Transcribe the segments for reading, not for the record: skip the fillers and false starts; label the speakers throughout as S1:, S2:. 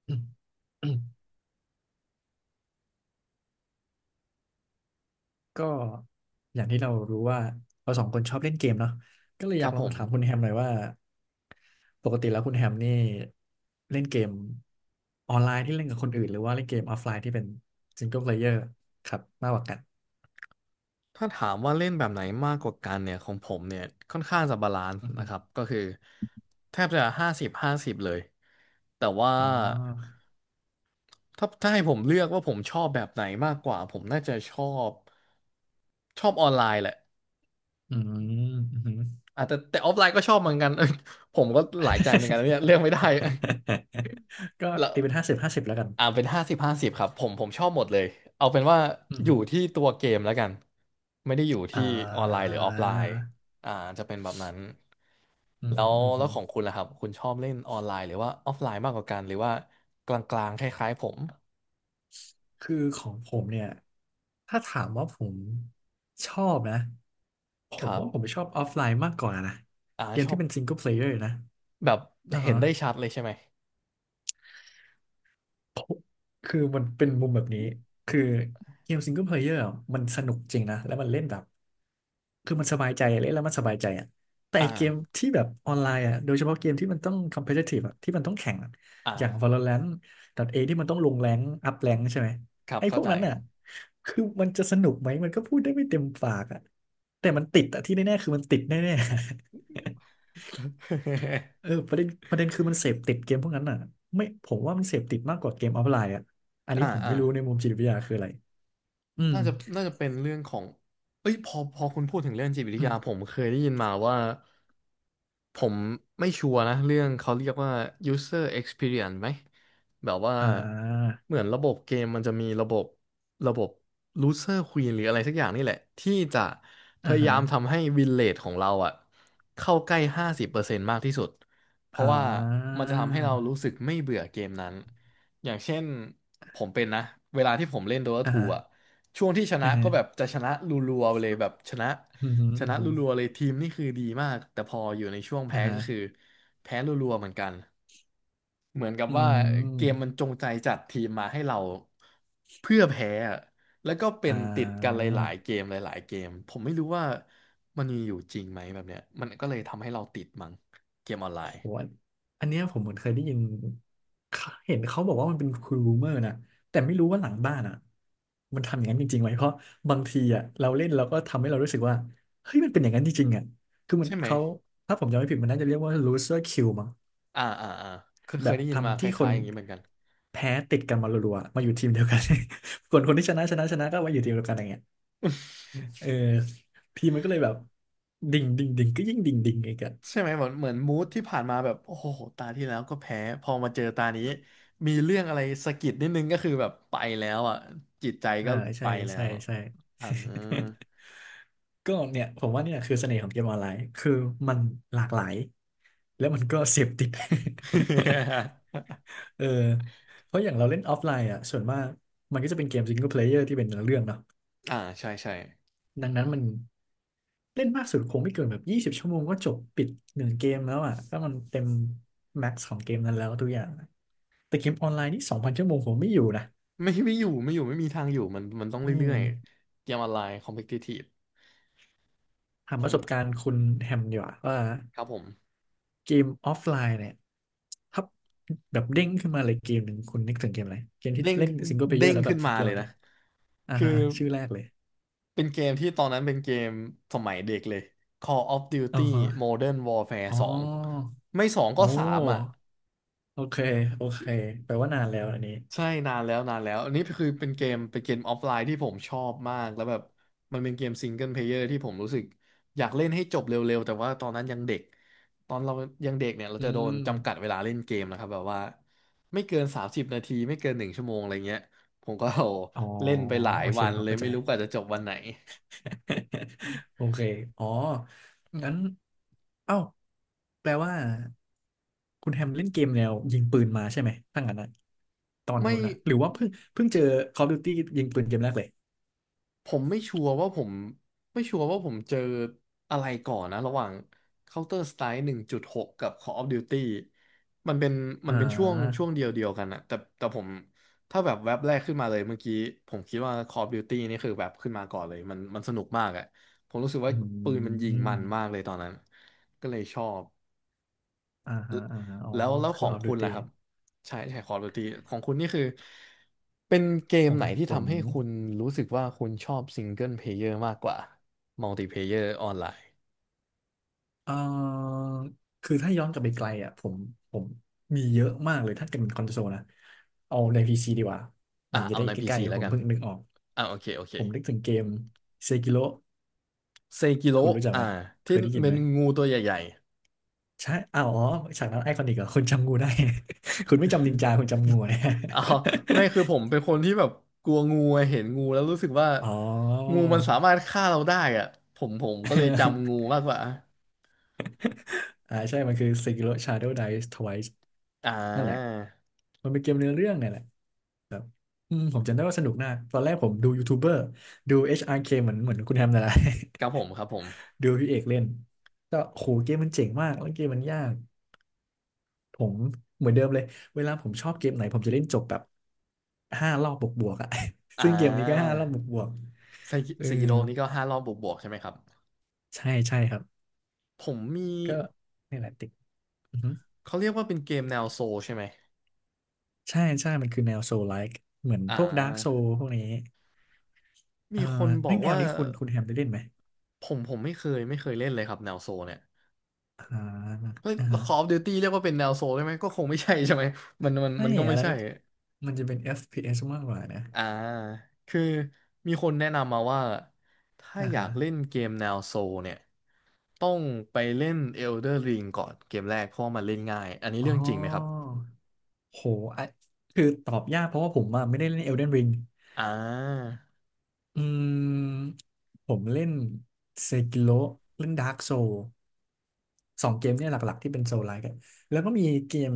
S1: อืมอืมก็อย่างที่เรารู้ว่าเราสองคนชอบเล่นเกมเนาะก็เลยอ
S2: ค
S1: ยา
S2: รั
S1: ก
S2: บ
S1: ล
S2: ผ
S1: อง
S2: ม
S1: ถามคุณแฮมหน่อยว่าปกติแล้วคุณแฮมนี่เล่นเกมออนไลน์ที่เล่นกับคนอื่นหรือว่าเล่นเกมออฟไลน์ที่เป็นซิงเกิลเพลเยอร์ครับมากกว่ากัน
S2: ถ้าถามว่าเล่นแบบไหนมากกว่ากันเนี่ยของผมเนี่ยค่อนข้างจะบาลานซ์
S1: อือฮึ
S2: นะครับก็คือแทบจะห้าสิบห้าสิบเลยแต่ว่า
S1: อ๋อ
S2: ถ้าให้ผมเลือกว่าผมชอบแบบไหนมากกว่าผมน่าจะบชอบออนไลน์แหละ
S1: อืมอือฮึ
S2: อาจจะแต่ออฟไลน์ก็ชอบเหมือนกัน เอ้ยผมก็หลายใจเหมือนกันนะเนี่ยเลือกไม่ได้
S1: ก็
S2: แล้ว
S1: ตีเป็นห้าสิบห้าสิบแล้วกัน
S2: เป็นห้าสิบห้าสิบครับผมชอบหมดเลยเอาเป็นว่า
S1: อือ
S2: อ
S1: ฮึ
S2: ยู่ที่ตัวเกมแล้วกันไม่ได้อยู่
S1: อ่
S2: ที่ออนไลน์
S1: า
S2: หรือออฟไลน์อ่าจะเป็นแบบนั้น
S1: อืม
S2: แล้
S1: อม
S2: ว
S1: อื
S2: แล้ว
S1: ม
S2: ของคุณล่ะครับคุณชอบเล่นออนไลน์หรือว่าออฟไลน์มากกว่ากันหรือว่ากลางๆคล้ายๆผม
S1: คือของผมเนี่ยถ้าถามว่าผมชอบนะผ
S2: ค
S1: ม
S2: รั
S1: ว่าผม
S2: บ
S1: ชอบออฟไลน์มากกว่านะ
S2: อ่า
S1: เกม
S2: ชอ
S1: ที่
S2: บ
S1: เป็นซิงเกิลเพลเยอร์นะ
S2: แบบ
S1: อ่า
S2: เห็
S1: ฮะ
S2: นได้ชัดเลยใช่ไหม
S1: คือมันเป็นมุมแบบนี้ คือเกมซิงเกิลเพลเยอร์มันสนุกจริงนะ แล้วมันเล่นแบบ คือมันสบายใจเล่นแล้วมันสบายใจอ่ะแต่
S2: อ่า
S1: ไอ้เกมที่แบบออนไลน์อ่ะโดยเฉพาะเกมที่มันต้อง competitive อ่ะที่มันต้องแข่งอะอย่าง
S2: อ่า
S1: Valorant .A ทเอที่มันต้องลงแรงอัพแรงใช่ไหม
S2: ครับ
S1: ไอ้พ
S2: เข้า
S1: วก
S2: ใจ
S1: นั้นอ่ะคือมันจะสนุกไหม มันก็พูดได้ไม่เต็มปากอ่ะแต่มันติดอ่ะที่แน่ๆคือมันติดแน่ เออประเด็นคือมันเสพติดเกมพวกนั้นอ่ะไม่ผมว่ามันเสพติดมากกว่าเกมออฟไลน์อ่ะอัน
S2: อ่า
S1: นี้ผม
S2: อ่า
S1: ไม่รู้ในมุมจิตวิทยาคืออะไรอืม
S2: น่าจะน่าจะเป็นเรื่องของ เอ้ยพอคุณพูดถึงเรื่องจิตวิท
S1: อื
S2: ยา
S1: ม
S2: ผมเคยได้ยินมาว่าผมไม่ชัวร์นะเรื่องเขาเรียกว่า user experience ไหมแบบว่า
S1: อ่า
S2: เหมือนระบบเกมมันจะมีระบบระบบ loser queen หรืออะไรสักอย่างนี่แหละที่จะพ
S1: อ่า
S2: ยา
S1: ฮะ
S2: ยามทำให้ win rate ของเราอะเข้าใกล้50%มากที่สุดเพ
S1: อ่
S2: ราะว่า
S1: า
S2: มันจะทำให้เรารู้สึกไม่เบื่อเกมนั้นอย่างเช่นผมเป็นนะเวลาที่ผมเล่น Dota
S1: อ่า
S2: 2
S1: ฮะ
S2: อ่ะ ช่วงที่ชนะ
S1: อือฮึ
S2: ก็แบบจะชนะรัวๆไปเลยแบบชนะ
S1: อือฮึ
S2: ช
S1: อือ
S2: นะ
S1: ฮึ
S2: รัวๆเลยทีมนี่คือดีมากแต่พออยู่ในช่วง
S1: อ่า
S2: แพ้
S1: ฮะ
S2: ก็คือแพ้รัวๆเหมือนกันเหมือนกับ
S1: อื
S2: ว่าเกมมัน
S1: ม
S2: จงใจจัดทีมมาให้เราเพื่อแพ้อะแล้วก็เป็
S1: อ่
S2: นติดกันหลายๆ
S1: า
S2: เกมหลายๆเกมผมไม่รู้ว่ามันมีอยู่จริงไหมแบบเนี้ยมันก็เลยทำให้เราติดมั้งเกมออนไล
S1: โอ้
S2: น์
S1: โหอันเนี้ยผมเหมือนเคยได้ยินเขาเห็นเขาบอกว่ามันเป็นคูรูเมอร์นะแต่ไม่รู้ว่าหลังบ้านอ่ะมันทำอย่างนั้นจริงๆไหมเพราะบางทีอ่ะเราเล่นเราก็ทำให้เรารู้สึกว่าเฮ้ยมันเป็นอย่างนั้นจริงๆอ่ะคือมัน
S2: ใช่ไหม
S1: เขา ถ้าผมจำไม่ผิดมันน่าจะเรียกว่า loser kill มั้ง
S2: อ่าอ่าอ่าเคย
S1: แบ
S2: เคย
S1: บ
S2: ได้ยินมา
S1: ทำ
S2: ค
S1: ที่ค
S2: ล้าย
S1: น
S2: ๆอย่างนี้เหมือนกัน
S1: แพ้ติดกันมารัวๆมาอยู่ทีมเดียวกัน คนคนที่ชนะชนะชนะก็มาอยู่ทีมเดียวกันอย่างเงี้ยเออทีมมันก็เลยแบบดิ่งดิ่งดิ่งก็ยิ่งดิ่งดิ่งอีกอ่ะ
S2: ใช่ไหมเหมือนมูดที่ผ่านมาแบบโอ้โหตาที่แล้วก็แพ้พอมาเจอตานี้มีเรื่องอะไรสะกิดนิดนึงก็คือแบบไปแล้วอ่ะจิตใจ
S1: อ่า
S2: ก็ไป
S1: ใช่
S2: แล้
S1: ใช่
S2: ว
S1: ใช่
S2: อ่า
S1: ก็เนี่ยผมว่าเนี่ยคือเสน่ห์ของเกมออนไลน์คือมันหลากหลายแล้วมันก็เสพติด เออเพราะอย่างเราเล่นออฟไลน์อ่ะส่วนมากมันก็จะเป็นเกมซิงเกิลเพลเยอร์ที่เป็นเนื้อเรื่องเนาะ
S2: อ่าใช่ใช่
S1: ดังนั้นมันเล่นมากสุดคงไม่เกินแบบ20 ชั่วโมงก็จบปิดหนึ่งเกมแล้วอ่ะถ้ามันเต็มแม็กซ์ของเกมนั้นแล้วทุกอย่างแต่เกมออนไลน์นี่2,000 ชั่วโมงผมไม่อยู่นะ
S2: ไม่อยู่ไม่มีทางอยู่มันต้อง
S1: อื
S2: เรื่
S1: ม
S2: อยๆเกมออนไลน์คอมเพทิทีฟ
S1: ถาม
S2: ผ
S1: ประสบ
S2: ม
S1: การณ์คุณแฮมดีกว่าว่า
S2: ครับผม
S1: เกมออฟไลน์เนี่ยถ้าแบบเด้งขึ้นมาเลยเกมหนึ่งคุณนึกถึงเกมอะไรเกมที่
S2: เด้ง
S1: เล่นซิงเกิลเพลเยอ
S2: เด้
S1: ร์
S2: ง
S1: แล้วแบ
S2: ขึ้
S1: บ
S2: น
S1: สุ
S2: มา
S1: ดย
S2: เล
S1: อด
S2: ย
S1: เล
S2: นะ
S1: ยอ่า
S2: คือ
S1: ฮะชื่อแรกเลย
S2: เป็นเกมที่ตอนนั้นเป็นเกมสมัยเด็กเลย Call of
S1: อ๋อ
S2: Duty
S1: ฮะ
S2: Modern Warfare
S1: อ๋อ
S2: 2ไม่สองก็
S1: โอ้
S2: สามอ่ะ
S1: โอเคโอเคแปลว่านานแล้วอันนี้
S2: ใช่นานแล้วนานแล้วอันนี้คือเป็นเกมออฟไลน์ที่ผมชอบมากแล้วแบบมันเป็นเกมซิงเกิลเพลเยอร์ที่ผมรู้สึกอยากเล่นให้จบเร็วๆแต่ว่าตอนนั้นยังเด็กตอนเรายังเด็กเนี่ยเรา
S1: อื
S2: จะโด
S1: ม
S2: นจำกัดเวลาเล่นเกมนะครับแบบว่าไม่เกิน30นาทีไม่เกินหนึ่งชั่วโมงอะไรเงี้ยผมก็
S1: อ๋อ
S2: เล่นไปหลาย
S1: โอเค
S2: วัน
S1: ผม
S2: เลย
S1: เข้าใจ
S2: ไม่รู้กว่าจะจบวันไหน
S1: โอเคอ๋องั้นเอ้าแปลว่า คุณแฮมเล่นเกมแนวยิงปืนมาใช่ไหมตั้งงั้นนะตอน
S2: ไม่
S1: นู้นนะหรือว่าเพิ่งเจอ Call of Duty ยิงปืนเกมแรกเลย
S2: ผมไม่ชัวร์ว่าผมไม่ชัวร์ว่าผมเจออะไรก่อนนะระหว่าง Counter Strike 1.6กกับ Call of Duty มันเป็นมั
S1: อ่
S2: นเป็นช่วงช่
S1: า
S2: วงเดียวกันอะแต่ผมถ้าแบบแว็บแรกขึ้นมาเลยเมื่อกี้ผมคิดว่า Call of Duty นี่คือแบบขึ้นมาก่อนเลยมันสนุกมากอะผมรู้สึกว่า
S1: อื
S2: ปืนมันยิงมันมาก
S1: ม
S2: เลยตอนนั้นก็เลยชอบ
S1: อ่าฮะอ่าฮะอ๋อ
S2: แล้วข
S1: คื
S2: อ
S1: อ
S2: ง
S1: Call of
S2: คุณ
S1: Duty
S2: ล่ะครับใช่ใช่ Call of Duty ของคุณนี่คือเป็นเก
S1: ข
S2: ม
S1: อง
S2: ไหนที่
S1: ผม
S2: ทำให้คุณรู้สึกว่าคุณชอบซิงเกิลเพลเยอร์มากกว่ามัลติเพลเยอร์ออนไลน์
S1: เอ่อคือถ้าย้อนกลับไปไกลอ่ะผมมีเยอะมากเลยถ้าเกิดเป็นคอนโซลนะเอาใน PC ดีกว่า
S2: อ่ะ
S1: มันจะ
S2: เอา
S1: ได้
S2: ใน
S1: ใกล้
S2: PC แล้
S1: ๆผ
S2: ว
S1: ม
S2: กัน
S1: เพิ่งนึกออก
S2: อ่ะโอเคโอเค
S1: ผมนึกถึงเกมเซกิโ o
S2: เซกิโร
S1: คุณรู้จักไหม
S2: อ่ะ
S1: เค
S2: ที่
S1: ยได้ยิน
S2: เป็
S1: ไหม
S2: นงูตัวใหญ่
S1: ใช่อ้าวอ๋อฉากนั้นไอคอนิกเหรอคุณจำงูได้ คุณไม่จำนินจาคุณจำงูนะ
S2: ๆอ๋อไม่คือผมเป็นคนที่แบบกลัวงูอะเห็นงูแล้วรู้สึกว่า
S1: อ๋อ
S2: งูมันสามารถฆ่าเราได้อ่ะผมก็เลยจำงู มากกว่า
S1: อ่าใช่ มันคือ Sekiro Shadow Dies Twice
S2: อ่
S1: นั่นแหละ
S2: า
S1: มันเป็นเกมเนื้อเรื่องเนี่ยแหละอืมผมจำได้ว่าสนุกมากตอนแรกผมดูยูทูบเบอร์ดู HRK เคเหมือนคุณแฮมนั่นแหละ
S2: ครับผมครับผม
S1: ดูพี่เอกเล่น ก็โหเกมมันเจ๋งมากแล้วเกมมันยาก ผมเหมือนเดิมเลย เวลาผมชอบเกมไหนผมจะเล่นจบแบบห้ารอบบวกๆอะ
S2: อ่
S1: ซึ่งเกมนี้ก็5 รอบบ
S2: า
S1: วกๆเออ
S2: เซกิโรนี่ก็ห้ารอบบวกๆใช่ไหมครับ
S1: ใช่ใช่ครับ
S2: ผมมี
S1: ก็นี่แหละติกอือฮึ
S2: เขาเรียกว่าเป็นเกมแนวโซลใช่ไหม
S1: ใช่ใช่มันคือแนวโซลไลค์เหมือน
S2: อ่
S1: พวกดาร์กโซ
S2: า
S1: พวกนี้
S2: มี
S1: อ่า
S2: คนบ
S1: ไอ้
S2: อ
S1: ย
S2: ก
S1: แนว
S2: ว่า
S1: นี้คุณแฮมได้เล่นไหม
S2: ผมไม่เคยเล่นเลยครับแนวโซลเนี่ย
S1: อ่า
S2: เฮ้ย
S1: อ่าฮะ
S2: Call of Duty เรียกว่าเป็นแนวโซลได้ไหมก็คงไม่ใช่ใช่ไหม มันมัน
S1: ไม่
S2: มันก็
S1: อะ
S2: ไม่
S1: ไร
S2: ใช่
S1: นี่มันจะเป็น FPS มากกว่านะ
S2: อ่าคือมีคนแนะนำมาว่าถ้า
S1: อ่า
S2: อยา
S1: ฮะ
S2: กเล่นเกมแนวโซลเนี่ยต้องไปเล่น Elder Ring ก่อนเกมแรกเพราะว่ามันเล่นง่ายอันนี้
S1: อ๋อ
S2: เรื่องจริงไหมครับ
S1: โหอ่ะคือตอบยากเพราะว่าผมอะไม่ได้เล่น Elden Ring
S2: อ่า
S1: อืมผมเล่นเซกิโ o เล่นดาร์กโซสองเกมเนี่ยหลักๆที่เป็นโซลไลค์แล้วก็มีเกม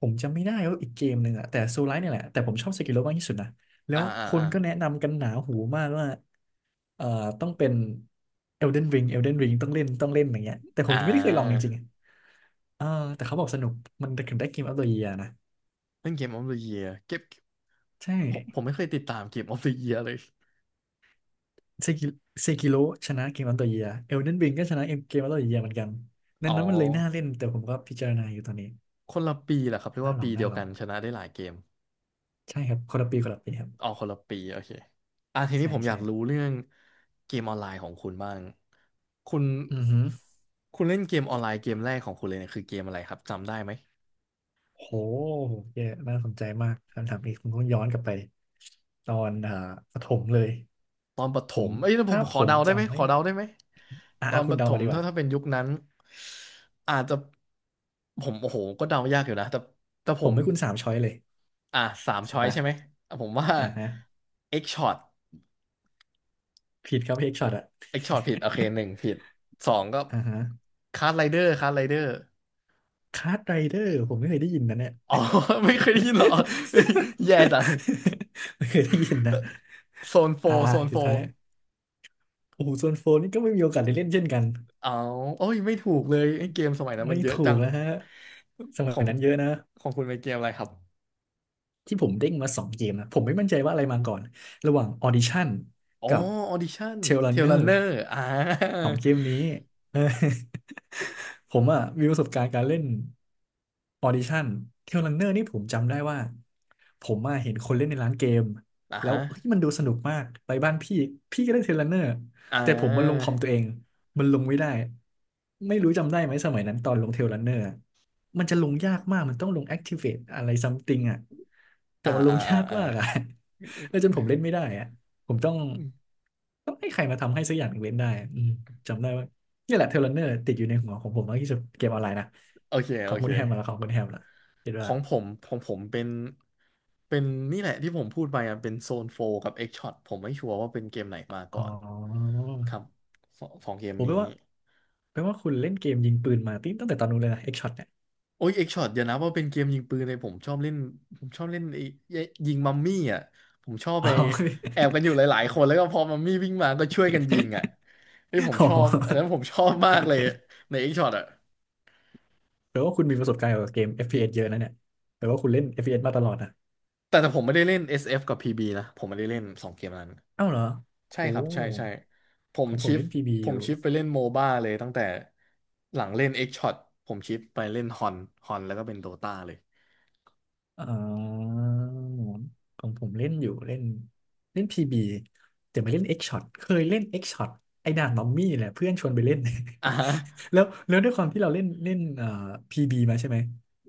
S1: ผมจำไม่ได้ว่าอีกเกมหนึ่งอะแต่โซลไลท์เนี่ยแหละแต่ผมชอบเซกิโรมากที่สุดนะแล้
S2: อ่า
S1: ว
S2: อ่า
S1: คน
S2: อ่า
S1: ก็แนะนำกันหนาหูมากว่าเอ่อต้องเป็น Elden Ring Elden Ring ต้องเล่นต้องเล่นอย่างเงี้ยแต่ผ
S2: อ่
S1: มยังไม่ได้เคยลองจริงๆ
S2: า
S1: อะเออแต่เขาบอกสนุกมันถึงได้เกมอั t ตัวเยียนะ
S2: เล่นเกมออฟเดอียเก็บ
S1: ใช่
S2: ผมไม่เคยติดตามเกมออฟเดอียเลย
S1: เซกิเซกิโรชนะเกมอั t ตัวเยีย Elden Ring ก็ชนะเกมอั t ตัวเยียเหมือนกันดั
S2: อ๋อ
S1: งนั้นมันเลยน่าเล่นแต่ผมก็พิจารณาอยู่ตอนนี้
S2: คนละปีแหละครับเรีย
S1: น่า
S2: ว่า
S1: ลอ
S2: ปี
S1: ง
S2: เดี
S1: น่า
S2: ยว
S1: ลอ
S2: กั
S1: ง
S2: นชนะได้หลายเกม
S1: ใช่ครับคนละปีคนละปีครับ
S2: อ๋อคนละปีโอเคอ่ะทีนี้
S1: ใช่
S2: ผมอยา
S1: ใช่
S2: กรู้เรื่องเกมออนไลน์ของคุณบ้างคุณ
S1: อือฮึ
S2: คุณเล่นเกมออนไลน์เกมแรกของคุณเลยเนี่ยคือเกมอะไรครับจำได้ไหม
S1: โหเยอะน่าสนใจมากคำถามนี้ผมต้องย้อนกลับไปตอนประถมเลย
S2: ตอนประถ
S1: ผม
S2: มเอ้ยแล้วผ
S1: ถ้า
S2: มข
S1: ผ
S2: อ
S1: ม
S2: เดาได้ไหม
S1: จำ
S2: ข
S1: ไม่
S2: อเดาได้ไหมตอน
S1: คุ
S2: ป
S1: ณ
S2: ระถ
S1: เดามา
S2: ม
S1: ดีก
S2: ถ้า
S1: ว่า
S2: ถ้าเป็นยุคนั้นอาจจะผมโอ้โหก็เดายากอยู่นะแต่ผ
S1: ผม
S2: ม
S1: ให้คุณสามช้อยเลย
S2: อ่ะสามช้อย
S1: มา
S2: ใช่ไหมอ่ะผมว่า
S1: อ่าฮะ
S2: X shot
S1: ผิดครับเฮกช็อตอะ
S2: X shot ผิดโอเคหนึ่งผิดสองก็
S1: อ่าฮะ
S2: คาร์ d ไรเดอร์ คาร์ d ไรเดอร์
S1: คาร์ดไรเดอร์ผมไม่เคยได้ยินนะเนี่ย
S2: อ๋อ ไม่เคยได้ยินเหรอเฮ้ยแย่จัง
S1: ไม่เคยได้ยินนะ
S2: โซนโฟ
S1: อ่า
S2: โซนโฟ
S1: สุดท้ายโอ้โหส่วนโฟนนี่ก็ไม่มีโอกาสได้เล่นเช่นกัน
S2: เอาโอ้ยไม่ถูกเลยไอ้เกมสมัยนั้น
S1: ไม่
S2: มันเยอะ
S1: ถู
S2: จั
S1: ก
S2: ง
S1: นะฮะส
S2: ข
S1: มั
S2: อ
S1: ย
S2: ง
S1: นั้นเยอะนะ
S2: ของคุณเป็นเกมอะไรครับ
S1: ที่ผมเด้งมาสองเกมนะผมไม่มั่นใจว่าอะไรมาก่อนระหว่าง Audition
S2: อ๋อ
S1: กับ
S2: ออดิชั่น
S1: Tail
S2: เทล l ั
S1: Runner
S2: นเนอร์อ่า
S1: เออ ผมอ่ะมีประสบการณ์การเล่นออดิชั่นเทรลรันเนอร์นี่ผมจำได้ว่าผมอะเห็นคนเล่นในร้านเกม
S2: อ่า
S1: แล้ว
S2: ฮะ
S1: เฮ้ยมันดูสนุกมากไปบ้านพี่พี่ก็เล่นเทรลรันเนอร์
S2: อ่า
S1: แต่ผมมันลงคอมตัวเองมันลงไม่ได้ไม่รู้จำได้ไหมสมัยนั้นตอนลงเทรลรันเนอร์มันจะลงยากมากมันต้องลง Activate อะไรซัมติงอ่ะแต่
S2: อ่า
S1: มันล
S2: อ่า
S1: ง
S2: อ่า
S1: ยาก
S2: อ่า
S1: มากอ่ะ แล้วจนผมเล่นไม่ได้อ่ะ ผมต้องให้ใครมาทำให้สักอย่างหนึ่งเว้นได้อืมจำได้ว่านี่แหละเทเลเนอร์ติดอยู่ในหัวของผมมากที่สุดเกมออนไลน์นะ
S2: โอเค
S1: ขอ
S2: โอ
S1: งคุ
S2: เค
S1: ณแฮมมาแล้วของคุณแฮมล่ะคิด
S2: ข
S1: ว่า
S2: องผมของผมเป็น เป็นนี่แหละที่ผมพูดไปอ่ะเป็นโซนโฟกับเอ็กช็อตผมไม่ชัวร์ว่าเป็นเกมไหนมา
S1: อ๋อ
S2: ก่อนครับสองเกม
S1: ผมแปล
S2: นี้
S1: ว่าแปลว่าคุณเล่นเกมยิงปืนมาตั้งแต่ตอนนู้นเลยนะเอ็กช็อตเนี่ย
S2: โอ้ยเอ็กช็อตเดี๋ยวนะว่าเป็นเกมยิงปืนเลยผมชอบเล่นผมชอบเล่นไอ้ยิงมัมมี่อ่ะผมชอบไป
S1: อ๋อ
S2: แอบกันอยู่หลายๆคนแล้วก็พอมัมมี่วิ่งมาก็ช่วยกันยิงอ่ะไอ้ยผม
S1: อ๋อ
S2: ชอบอันนั้นผมชอบมากเลยในเอ็กช็อตอ่ะ
S1: แปลว่าคุณมีประสบการณ์เกี่ยวกับเกม FPS เอสเยอะนะเนี่ยแปลว่าคุณเล่น FPS มาตลอดนะ
S2: แต่ผมไม่ได้เล่น SF กับ PB นะผมไม่ได้เล่นสองเกมนั้น
S1: เอ้าวเหรอ
S2: ใช่
S1: โอ้
S2: ครับใช่ใช่ผม
S1: ของผ
S2: ชิ
S1: ม
S2: ฟ
S1: เล่น PB
S2: ผ
S1: อ
S2: ม
S1: ยู่
S2: ชิฟไปเล่นโมบ้าเลยตั้งแต่หลังเล่น X Shot ผมชิฟไปเล่นฮอนฮอนแล้วก็เป็นโดตาเลย
S1: อ๋อของผมเล่นอยู่เล่นเล่นพีบีแต่ไม่เล่นเอ็กช็อตเคยเล่นเอ็กช็อตไอ้ด่านมัมมี่แหละเพื่อนชวนไปเล่น
S2: อ่าฮะ
S1: แล้วด้วยความที่เราเล่นเล่นพีบีมาใช่ไหม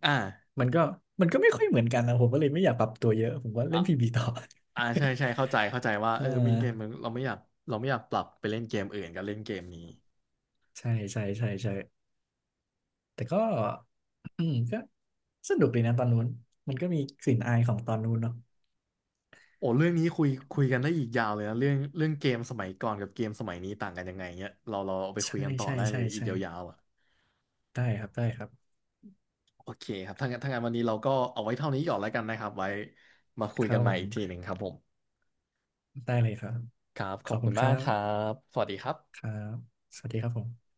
S2: อ่า
S1: มันก็มันก็ไม่ค่อยเหมือนกันนะผมก็เลยไม่อยากปรับตัวเยอะผมก็
S2: อ่า
S1: เล่นพีบีต่อ
S2: อ่าใช่ใช่เข้าใจว่า
S1: อ่า
S2: เออมีเกมมันเราไม่อยากปรับไปเล่นเกมอื่นกับเล่นเกมนี้
S1: ใช่ใช่ใช่ใช่แต่ก็อืมก็สนุกดีนะตอนนู้นมันก็มีกลิ่นอายของตอนนู้นเนาะ
S2: โอ้เรื่องนี้คุยกันได้อีกยาวเลยนะเรื่องเกมสมัยก่อนกับเกมสมัยนี้ต่างกันยังไงเนี้ยเราเอาไปคุย
S1: ใช่
S2: กันต่อ
S1: ใช่
S2: ได้เล
S1: ใช่
S2: ยอีก
S1: ใช่
S2: ยาวๆอ่ะ
S1: ได้ครับได้ครับ
S2: โอเคครับถ้างั้นวันนี้เราก็เอาไว้เท่านี้ก่อนแล้วกันนะครับไว้มาคุย
S1: ครั
S2: กัน
S1: บ
S2: ให
S1: ผ
S2: ม่อีกทีห
S1: ม
S2: นึ่งครับผม
S1: ได้เลยครับ
S2: ครับข
S1: ข
S2: อ
S1: อ
S2: บ
S1: บคุ
S2: คุณ
S1: ณค
S2: มา
S1: รั
S2: กครั
S1: บ
S2: บ สวัสดีครับ
S1: ครับ สวัสดีครับผม